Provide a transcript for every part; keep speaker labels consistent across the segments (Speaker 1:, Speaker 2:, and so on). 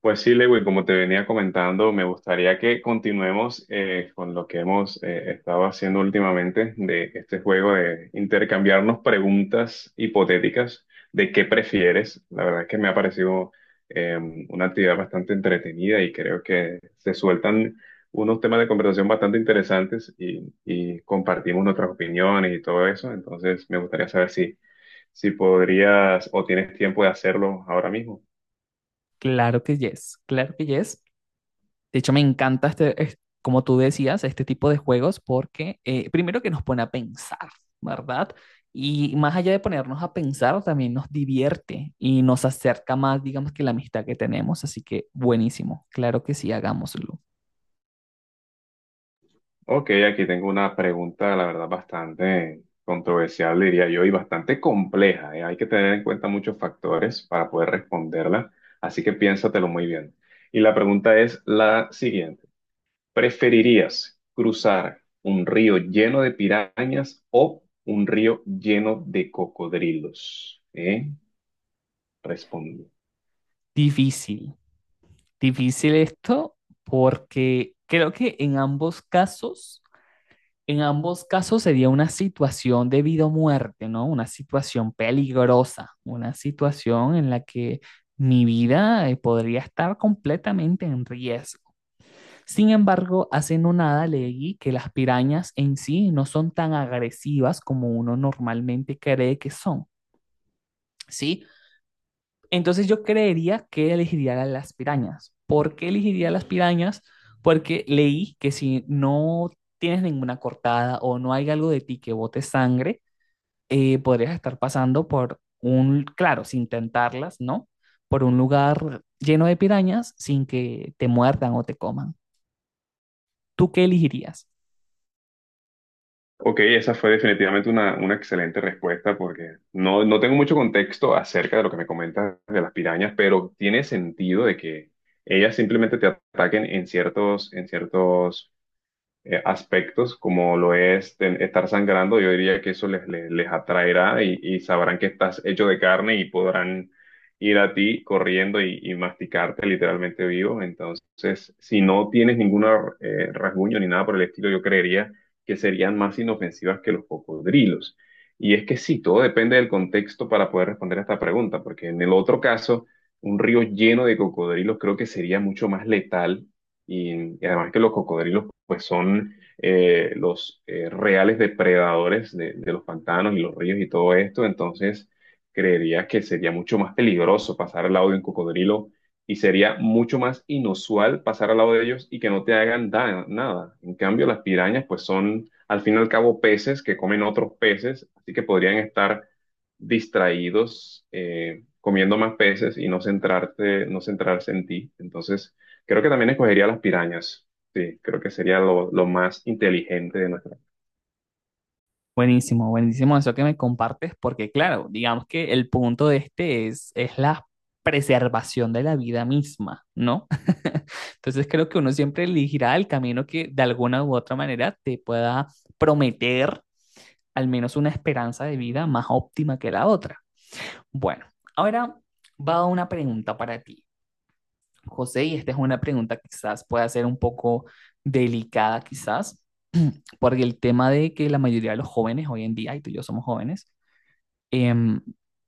Speaker 1: Pues sí, Lewin, como te venía comentando, me gustaría que continuemos con lo que hemos estado haciendo últimamente de este juego de intercambiarnos preguntas hipotéticas de qué prefieres. La verdad es que me ha parecido eh, una actividad bastante entretenida y creo que se sueltan unos temas de conversación bastante interesantes y compartimos nuestras opiniones y todo eso. Entonces, me gustaría saber si podrías o tienes tiempo de hacerlo ahora mismo.
Speaker 2: Claro que yes, claro que yes. De hecho, me encanta como tú decías, este tipo de juegos porque primero que nos pone a pensar, ¿verdad? Y más allá de ponernos a pensar, también nos divierte y nos acerca más, digamos, que la amistad que tenemos. Así que buenísimo, claro que sí, hagámoslo.
Speaker 1: Ok, aquí tengo una pregunta, la verdad, bastante controversial, diría yo, y bastante compleja, ¿eh? Hay que tener en cuenta muchos factores para poder responderla, así que piénsatelo muy bien. Y la pregunta es la siguiente. ¿Preferirías cruzar un río lleno de pirañas o un río lleno de cocodrilos? ¿Eh? Responde.
Speaker 2: Difícil, difícil esto porque creo que en ambos casos sería una situación de vida o muerte, ¿no? Una situación peligrosa, una situación en la que mi vida podría estar completamente en riesgo. Sin embargo, hace no nada leí que las pirañas en sí no son tan agresivas como uno normalmente cree que son, ¿sí? Entonces yo creería que elegiría las pirañas. ¿Por qué elegiría las pirañas? Porque leí que si no tienes ninguna cortada o no hay algo de ti que bote sangre, podrías estar pasando por un, claro, sin tentarlas, ¿no? Por un lugar lleno de pirañas sin que te muerdan o te coman. ¿Tú qué elegirías?
Speaker 1: Ok, esa fue definitivamente una excelente respuesta porque no tengo mucho contexto acerca de lo que me comentas de las pirañas, pero tiene sentido de que ellas simplemente te ataquen en en ciertos aspectos, como lo es estar sangrando, yo diría que eso les atraerá y sabrán que estás hecho de carne y podrán ir a ti corriendo y masticarte literalmente vivo. Entonces, si no tienes ningún rasguño ni nada por el estilo, yo creería que serían más inofensivas que los cocodrilos. Y es que sí, todo depende del contexto para poder responder a esta pregunta, porque en el otro caso, un río lleno de cocodrilos creo que sería mucho más letal y además que los cocodrilos pues son los reales depredadores de los pantanos y los ríos y todo esto, entonces creería que sería mucho más peligroso pasar al lado de un cocodrilo y sería mucho más inusual pasar al lado de ellos y que no te hagan nada. En cambio, las pirañas pues son al fin y al cabo peces que comen otros peces, así que podrían estar distraídos comiendo más peces y no no centrarse en ti. Entonces creo que también escogería las pirañas. Sí, creo que sería lo más inteligente de nuestra.
Speaker 2: Buenísimo eso que me compartes, porque claro, digamos que el punto de este es la preservación de la vida misma, ¿no? Entonces creo que uno siempre elegirá el camino que de alguna u otra manera te pueda prometer al menos una esperanza de vida más óptima que la otra. Bueno, ahora va una pregunta para ti. José, y esta es una pregunta que quizás pueda ser un poco delicada, quizás, porque el tema de que la mayoría de los jóvenes hoy en día, y tú y yo somos jóvenes, em,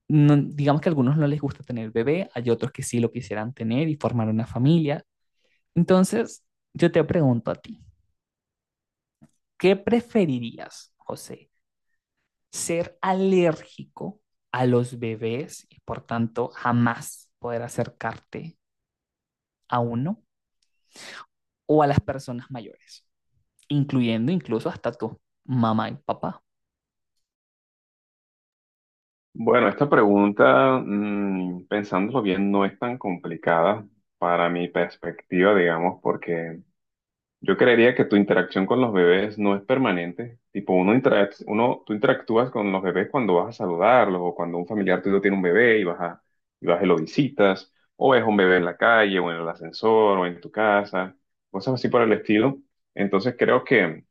Speaker 2: digamos que a algunos no les gusta tener bebé, hay otros que sí lo quisieran tener y formar una familia. Entonces, yo te pregunto a ti, ¿qué preferirías, José? ¿Ser alérgico a los bebés y por tanto jamás poder acercarte a uno o a las personas mayores, incluyendo incluso hasta tu mamá y papá?
Speaker 1: Bueno, esta pregunta, pensándolo bien, no es tan complicada para mi perspectiva, digamos, porque yo creería que tu interacción con los bebés no es permanente. Tipo, tú interactúas con los bebés cuando vas a saludarlos o cuando un familiar tuyo tiene un bebé y y vas y lo visitas, o es un bebé en la calle o en el ascensor o en tu casa, cosas así por el estilo. Entonces creo que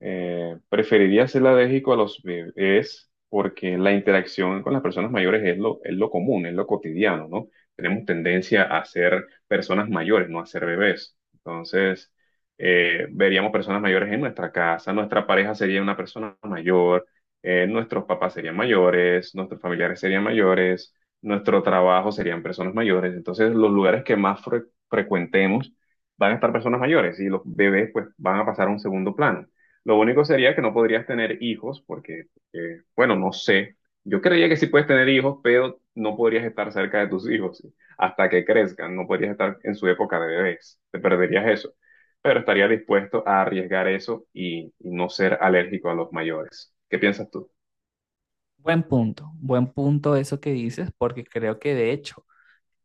Speaker 1: Preferiría ser alérgico a los bebés porque la interacción con las personas mayores es es lo común, es lo cotidiano, ¿no? Tenemos tendencia a ser personas mayores, no a ser bebés. Entonces, veríamos personas mayores en nuestra casa, nuestra pareja sería una persona mayor, nuestros papás serían mayores, nuestros familiares serían mayores, nuestro trabajo serían personas mayores. Entonces, los lugares que más frecuentemos van a estar personas mayores y los bebés pues van a pasar a un segundo plano. Lo único sería que no podrías tener hijos porque, bueno, no sé. Yo creía que sí puedes tener hijos, pero no podrías estar cerca de tus hijos, ¿sí?, hasta que crezcan. No podrías estar en su época de bebés. Te perderías eso. Pero estaría dispuesto a arriesgar eso y no ser alérgico a los mayores. ¿Qué piensas tú?
Speaker 2: Buen punto eso que dices, porque creo que de hecho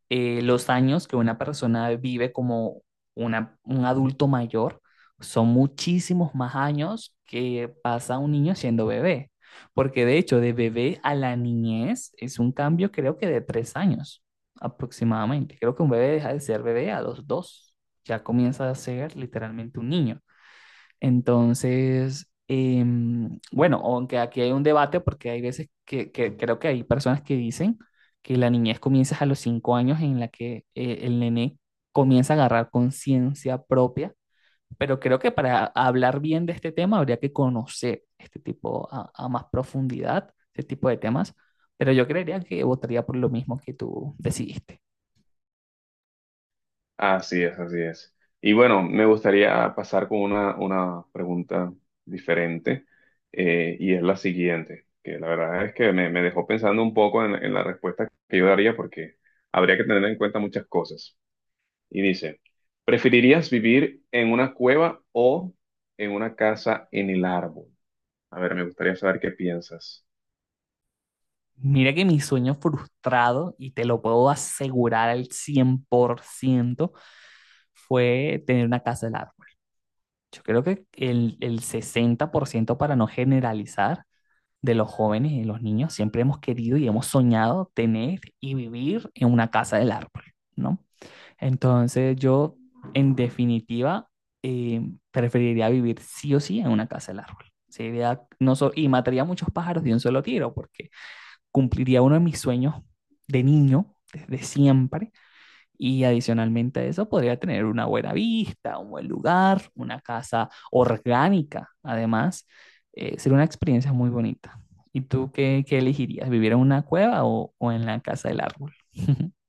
Speaker 2: los años que una persona vive como un adulto mayor son muchísimos más años que pasa un niño siendo bebé, porque de hecho de bebé a la niñez es un cambio creo que de 3 años aproximadamente. Creo que un bebé deja de ser bebé a los dos, ya comienza a ser literalmente un niño. Entonces, bueno, aunque aquí hay un debate porque hay veces que creo que hay personas que dicen que la niñez comienza a los 5 años en la que el nené comienza a agarrar conciencia propia, pero creo que para hablar bien de este tema habría que conocer este tipo a más profundidad, este tipo de temas, pero yo creería que votaría por lo mismo que tú decidiste.
Speaker 1: Así es, así es. Y bueno, me gustaría pasar con una pregunta diferente, y es la siguiente, que la verdad es que me dejó pensando un poco en la respuesta que yo daría porque habría que tener en cuenta muchas cosas. Y dice, ¿preferirías vivir en una cueva o en una casa en el árbol? A ver, me gustaría saber qué piensas.
Speaker 2: Mira que mi sueño frustrado, y te lo puedo asegurar al 100%, fue tener una casa del árbol. Yo creo que el 60%, para no generalizar, de los jóvenes y de los niños siempre hemos querido y hemos soñado tener y vivir en una casa del árbol, ¿no? Entonces yo, en definitiva, eh, preferiría vivir sí o sí en una casa del árbol. Sería, no so- y mataría muchos pájaros de un solo tiro porque cumpliría uno de mis sueños de niño, desde siempre, y adicionalmente a eso, podría tener una buena vista, un buen lugar, una casa orgánica, además. Sería una experiencia muy bonita. ¿Y tú qué elegirías? ¿Vivir en una cueva o en la casa del árbol?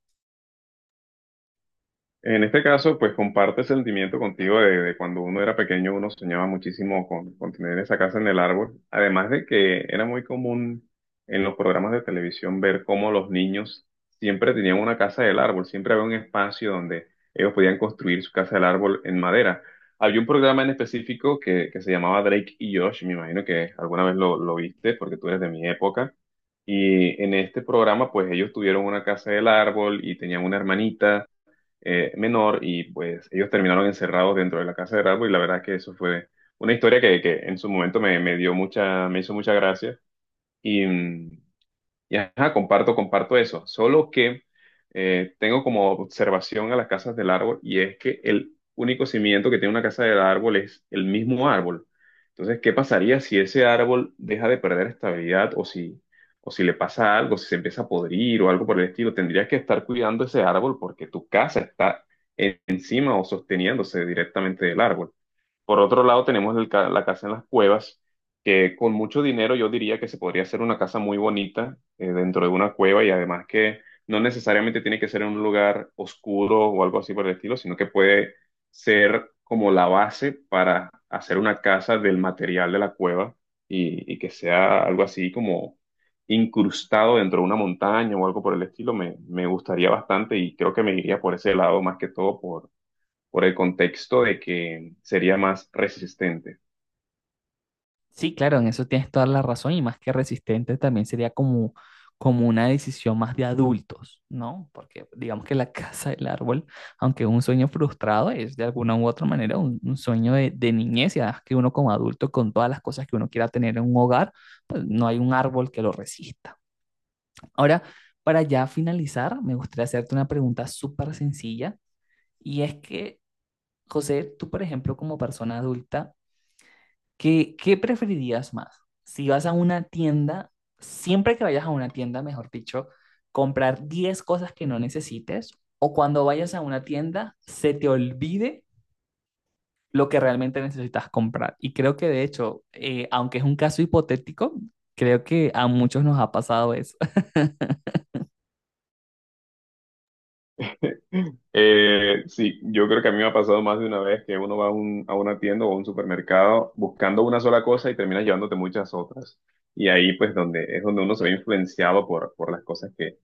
Speaker 1: En este caso, pues comparte ese sentimiento contigo de cuando uno era pequeño, uno soñaba muchísimo con tener esa casa en el árbol. Además de que era muy común en los programas de televisión ver cómo los niños siempre tenían una casa del árbol, siempre había un espacio donde ellos podían construir su casa del árbol en madera. Había un programa en específico que se llamaba Drake y Josh, me imagino que alguna vez lo viste porque tú eres de mi época. Y en este programa, pues ellos tuvieron una casa del árbol y tenían una hermanita menor y pues ellos terminaron encerrados dentro de la casa de Ralph y la verdad es que eso fue una historia que en su momento me hizo mucha gracia y, y ajá, comparto eso. Solo que tengo como observación a las casas del árbol y es que el único cimiento que tiene una casa del árbol es el mismo árbol. Entonces, ¿qué pasaría si ese árbol deja de perder estabilidad o o si le pasa algo, si se empieza a podrir o algo por el estilo? Tendrías que estar cuidando ese árbol porque tu casa está encima o sosteniéndose directamente del árbol. Por otro lado, tenemos el la casa en las cuevas, que con mucho dinero yo diría que se podría hacer una casa muy bonita dentro de una cueva y además que no necesariamente tiene que ser en un lugar oscuro o algo así por el estilo, sino que puede ser como la base para hacer una casa del material de la cueva y que sea algo así como incrustado dentro de una montaña o algo por el estilo. Me gustaría bastante y creo que me iría por ese lado más que todo por el contexto de que sería más resistente.
Speaker 2: Sí, claro, en eso tienes toda la razón y más que resistente también sería como, como una decisión más de adultos, ¿no? Porque digamos que la casa del árbol, aunque es un sueño frustrado, es de alguna u otra manera un sueño de niñez y además que uno como adulto con todas las cosas que uno quiera tener en un hogar, pues no hay un árbol que lo resista. Ahora, para ya finalizar, me gustaría hacerte una pregunta súper sencilla y es que, José, tú por ejemplo como persona adulta, ¿qué, qué preferirías más? Si vas a una tienda, siempre que vayas a una tienda, mejor dicho, comprar 10 cosas que no necesites o cuando vayas a una tienda se te olvide lo que realmente necesitas comprar. Y creo que de hecho, aunque es un caso hipotético, creo que a muchos nos ha pasado eso.
Speaker 1: Sí, yo creo que a mí me ha pasado más de una vez que uno a una tienda o a un supermercado buscando una sola cosa y terminas llevándote muchas otras. Y ahí pues donde es donde uno se ve influenciado por las cosas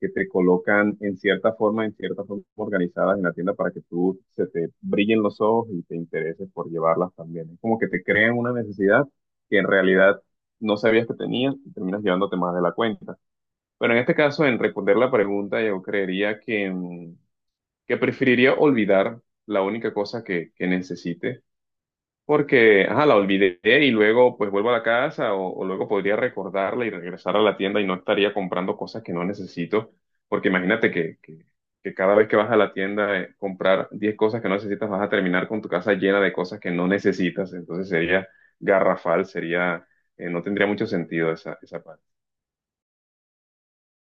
Speaker 1: que te colocan en cierta forma organizadas en la tienda para que tú se te brillen los ojos y te intereses por llevarlas también. Es como que te crean una necesidad que en realidad no sabías que tenías y terminas llevándote más de la cuenta. Bueno, en este caso, en responder la pregunta, yo creería que, que preferiría olvidar la única cosa que necesite, porque, ajá, la olvidé y luego pues vuelvo a la casa o luego podría recordarla y regresar a la tienda y no estaría comprando cosas que no necesito, porque imagínate que cada vez que vas a la tienda comprar 10 cosas que no necesitas, vas a terminar con tu casa llena de cosas que no necesitas, entonces sería garrafal, sería, no tendría mucho sentido esa parte.